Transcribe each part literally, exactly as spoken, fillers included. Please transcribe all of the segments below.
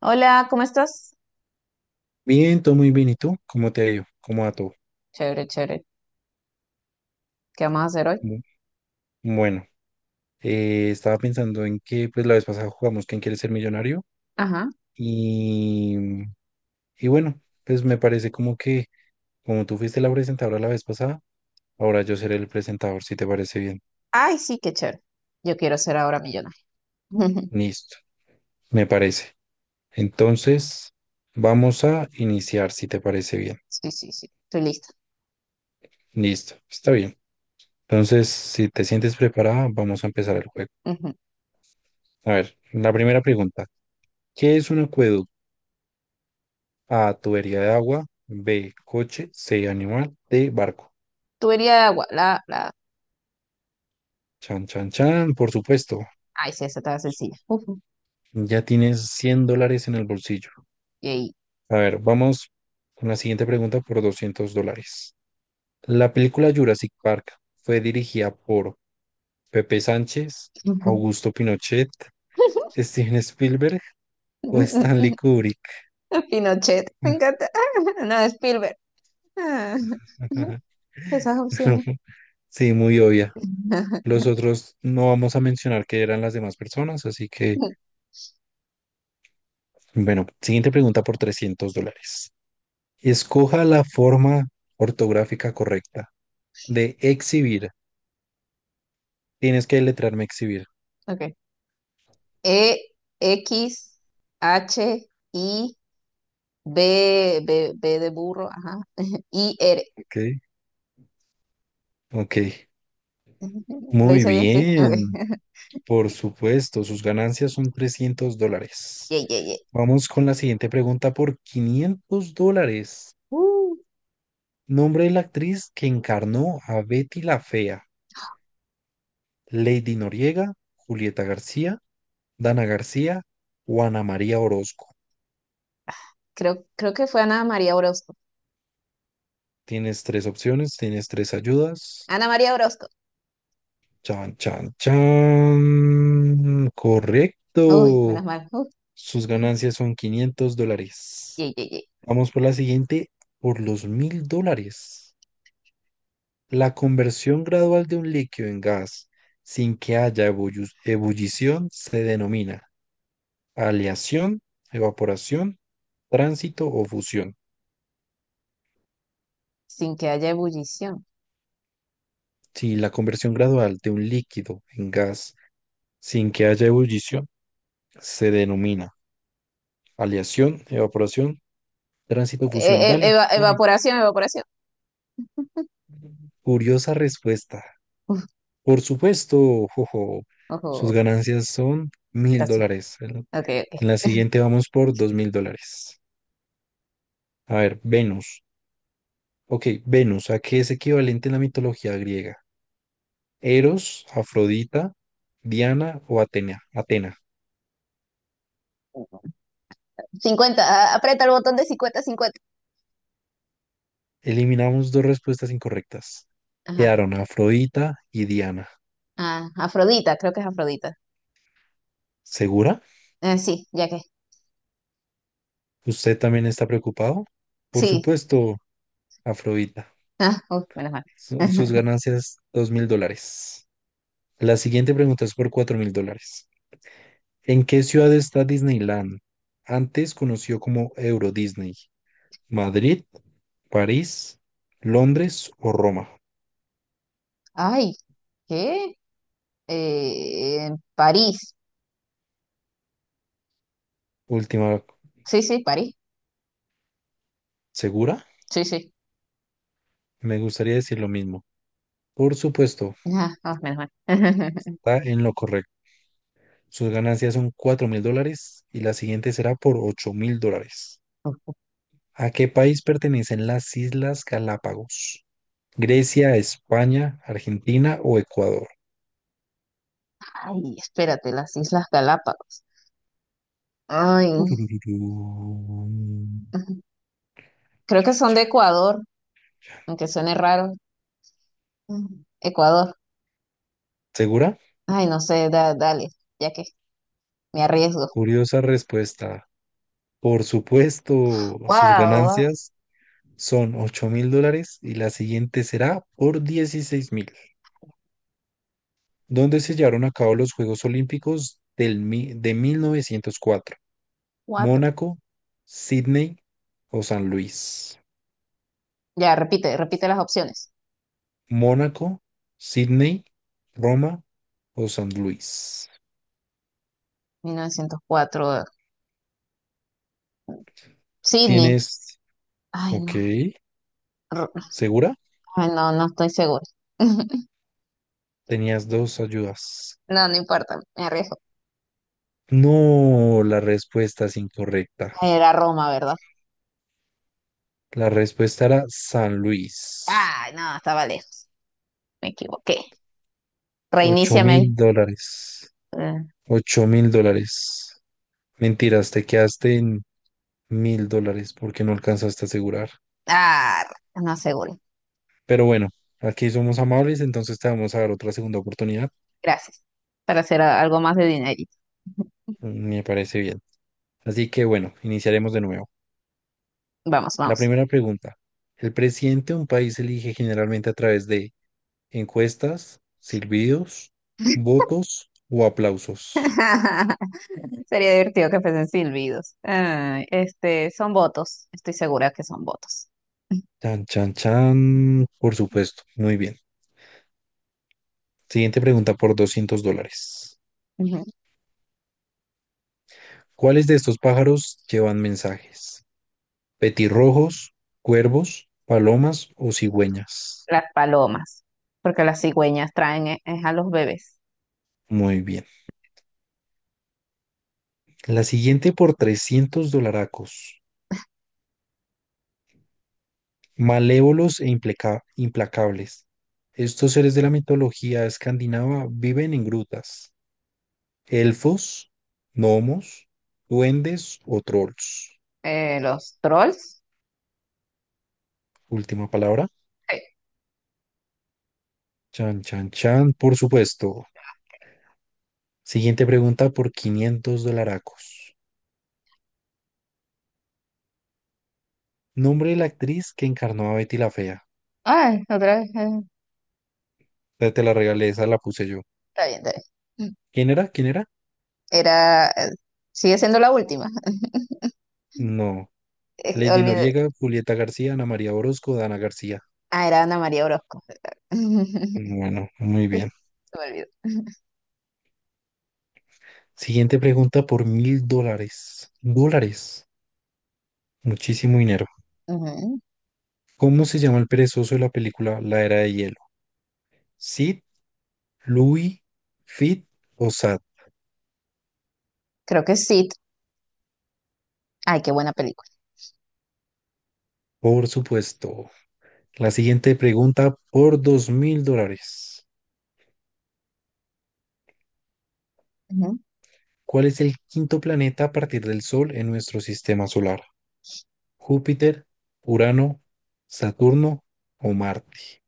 Hola, ¿cómo estás? Bien, todo muy bien. ¿Y tú? ¿Cómo te ha ido? ¿Cómo va todo? Chévere, chévere. ¿Qué vamos a hacer hoy? Bu- Bueno, eh, estaba pensando en que pues la vez pasada jugamos ¿Quién quiere ser millonario? Ajá. Y, y bueno, pues me parece como que como tú fuiste la presentadora la vez pasada, ahora yo seré el presentador, si te parece bien. Ay, sí, qué chévere. Yo quiero ser ahora millonaria. Listo, me parece. Entonces, vamos a iniciar, si te parece bien. Sí, sí, sí. Estoy lista. Listo, está bien. Entonces, si te sientes preparada, vamos a empezar el juego. Ujú. A ver, la primera pregunta. ¿Qué es un acueducto? A, tubería de agua. B, coche. C, animal. D, barco. Tú irías de agua. La, la... Chan, chan, chan, por supuesto. Ay, sí, esa estaba sencilla. Ujú. Ya tienes cien dólares en el bolsillo. Yay. A ver, vamos con la siguiente pregunta por doscientos dólares. La película Jurassic Park fue dirigida por Pepe Sánchez, Augusto Pinochet, Steven Spielberg o Stanley Kubrick. Pinochet. Me encanta. No, Spielberg. Ah, esas No, opciones. sí, muy obvia. Los otros no vamos a mencionar que eran las demás personas, así que bueno, siguiente pregunta por trescientos dólares. Escoja la forma ortográfica correcta de exhibir. Tienes que letrarme exhibir. Ok. E, X, H, I, B, B, B de burro. Ajá. I, R. Ok, ok. Lo Muy hice bien, sí. Ok. bien. Por supuesto, sus ganancias son trescientos dólares. Yay, yay, yay. Vamos con la siguiente pregunta por quinientos dólares. Uh, Nombre de la actriz que encarnó a Betty la Fea. Lady Noriega, Julieta García, Dana García o Ana María Orozco. creo, creo que fue Ana María Orozco. Tienes tres opciones, tienes tres ayudas. Ana María Orozco. Chan, chan, chan. Uy, menos Correcto. mal. Uh, Sus ganancias son quinientos dólares. yay, yay, yay. Vamos por la siguiente, por los mil dólares. La conversión gradual de un líquido en gas sin que haya ebullu- ebullición se denomina aleación, evaporación, tránsito o fusión. Sin que haya ebullición. Si la conversión gradual de un líquido en gas sin que haya ebullición se denomina aleación, evaporación, tránsito, fusión. Eh, eh, Dale, eva- dale. evaporación, evaporación. Curiosa respuesta. Uf, Por supuesto, jojo. Sus ojo, ganancias son mil casi. dólares. En Ok, en la ok. siguiente vamos por dos mil dólares. A ver, Venus. Ok, Venus, ¿a qué es equivalente en la mitología griega? Eros, Afrodita, Diana o Atena. Atena. Cincuenta, a- aprieta el botón de cincuenta cincuenta. Eliminamos dos respuestas incorrectas. Ajá. Quedaron Afrodita y Diana. Ah, Afrodita, creo que es Afrodita. ¿Segura? Eh, sí, ya que. ¿Usted también está preocupado? Por Sí. supuesto, Afrodita. Ah, uf, menos mal. Su- sus ganancias, dos mil dólares. La siguiente pregunta es por cuatro mil dólares. ¿En qué ciudad está Disneyland? Antes conocido como Euro Disney. ¿Madrid, París, Londres o Roma? Ay, ¿qué? Eh, París. Última, Sí, sí, París. ¿segura? Sí, sí. Me gustaría decir lo mismo. Por supuesto, Ah, ah, menos mal. está en lo correcto. Sus ganancias son cuatro mil dólares y la siguiente será por ocho mil dólares. ¿A qué país pertenecen las Islas Galápagos? Grecia, España, Argentina o Ecuador. Ay, espérate, las Islas Galápagos. Ay, Turururú. ujú. Creo que Chan, son de chan, Ecuador, chan. aunque suene raro. Ujú. Ecuador. ¿Segura? Ay, no sé, da- dale, ya que me arriesgo. Curiosa respuesta. Por supuesto, sus Wow, ganancias son ocho mil dólares y la siguiente será por dieciséis mil. ¿Dónde se llevaron a cabo los Juegos Olímpicos del, mi- de mil novecientos cuatro? cuatro. Mónaco, Sydney o San Luis. Ya, repite, repite las opciones. Mónaco, Sydney, Roma o San Luis. mil novecientos cuatro, eh, Sydney. Tienes, Ay, no. ok, R- ¿segura? Ay, no, no estoy segura. Tenías dos ayudas. No, no importa, me arriesgo. No, la respuesta es incorrecta. Era Roma, ¿verdad? La respuesta era San Luis. Ay, no, estaba lejos. Me equivoqué. Ocho Reiníciame. mil dólares. Eh, Ocho mil dólares. Mentiras, te quedaste en mil dólares porque no alcanzaste a asegurar. Ah, no aseguro. Pero bueno, aquí somos amables, entonces te vamos a dar otra segunda oportunidad. Gracias. Para hacer a- algo más de dinerito. Me parece bien. Así que bueno, iniciaremos de nuevo. Vamos, La vamos. primera pregunta. El presidente de un país se elige generalmente a través de encuestas, silbidos, votos o aplausos. Sería divertido que fuesen silbidos. Ay, este, son votos. Estoy segura que son votos. Chan, chan, chan. Por supuesto. Muy bien. Siguiente pregunta por doscientos dólares. Ujú. ¿Cuáles de estos pájaros llevan mensajes? ¿Petirrojos, cuervos, palomas o cigüeñas? Las palomas. Porque las cigüeñas traen eh, es a los bebés. Muy bien. La siguiente por trescientos dolaracos. Malévolos e impleca- implacables. Estos seres de la mitología escandinava viven en grutas. Elfos, gnomos, duendes o trolls. Eh, los trolls. Última palabra. Sí. Chan, chan, chan, por supuesto. Siguiente pregunta por quinientos dolaracos. Nombre de la actriz que encarnó a Betty la Fea. Ay, otra vez. eh, Te, te la regalé, esa la puse yo. Está bien, está bien. ¿Quién era? ¿Quién era? Era, eh, Sigue siendo la última. No. Es que Lady olvidé- Noriega, Julieta García, Ana María Orozco, Dana García. Ah, era Ana María Orozco. Bueno, muy bien. Me olvidó. Siguiente pregunta por mil dólares. Dólares. Muchísimo dinero. Ujú. ¿Cómo se llama el perezoso de la película La Era de Hielo? Sid, Louis, Fit o Sad, Creo que sí. Ay, qué buena película. por supuesto. La siguiente pregunta por dos mil dólares. Ujú. ¿Cuál es el quinto planeta a partir del Sol en nuestro sistema solar? ¿Júpiter, Urano, Saturno o Marte?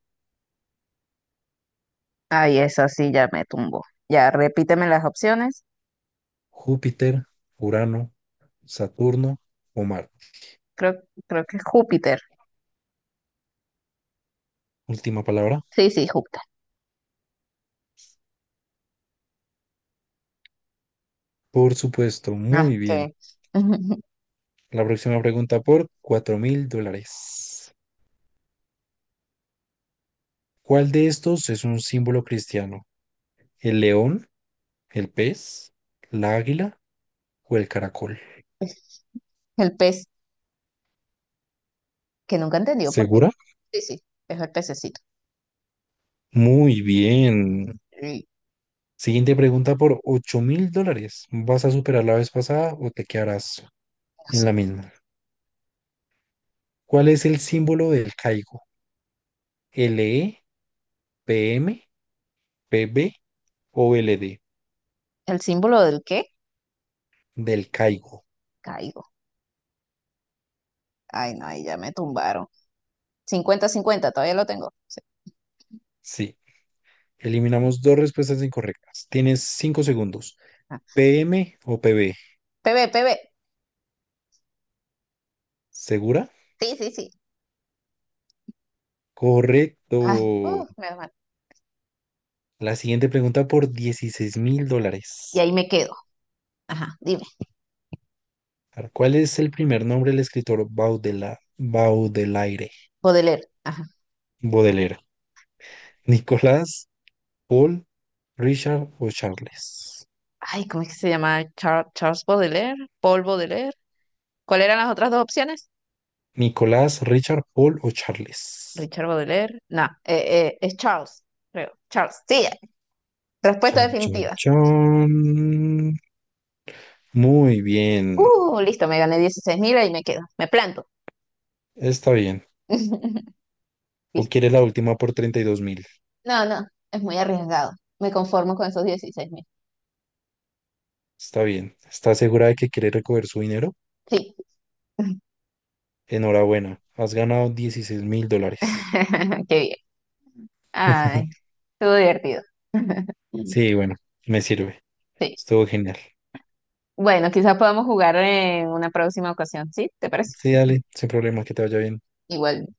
Ay, esa sí ya me tumbó. Ya, repíteme las opciones. Júpiter, Urano, Saturno o Marte. Creo, creo que es Júpiter. Última palabra. Sí, sí, Júpiter. Por supuesto, Ah, muy bien. qué bien. La próxima pregunta por cuatro mil dólares. ¿Cuál de estos es un símbolo cristiano? ¿El león? ¿El pez, la águila o el caracol? El pez, que nunca entendió por qué. ¿Segura? Sí, sí, es el pececito. Muy bien. Y, Siguiente pregunta por ocho mil dólares. ¿Vas a superar la vez pasada o te quedarás no en sé. la misma? ¿Cuál es el símbolo del caigo? L E P M P B o L D. ¿El símbolo del qué? Del caigo. Caigo. Ay, no, ahí ya me tumbaron. Cincuenta, cincuenta, todavía lo tengo. Sí. Sí. Eliminamos dos respuestas incorrectas. Tienes cinco segundos. Ah. P M o P B. P B, P B. ¿Segura? Sí, sí, sí. Correcto. Ay, uh, me La siguiente pregunta por dieciséis mil y dólares. ahí me quedo. Ajá, dime. A ver, ¿cuál es el primer nombre del escritor Baudela, Baudelaire? Baudelaire, ajá. Baudelaire. Nicolás, Paul, Richard o Charles. Ay, ¿cómo es que se llama? Char- Charles Baudelaire, Paul Baudelaire. ¿Cuáles eran las otras dos opciones? Nicolás, Richard, Paul o Charles. Richard Baudelaire. No, eh, eh, es Charles, creo. Charles. Sí, respuesta Chan, chan, definitiva. chan. Muy bien. Uh, listo, me gané dieciséis mil y me quedo. Me planto. Está bien. ¿O Listo. quiere la última por treinta y dos mil? No, no, es muy arriesgado. Me conformo con esos dieciséis mil. Está bien. ¿Está segura de que quiere recoger su dinero? Sí. Enhorabuena. Has ganado dieciséis mil dólares. Qué bien. Ay, estuvo divertido. Sí, bueno, me sirve. Sí. Estuvo genial. Bueno, quizás podamos jugar en una próxima ocasión, ¿sí? ¿Te parece? Sí, dale, sin problema, que te vaya bien. Igual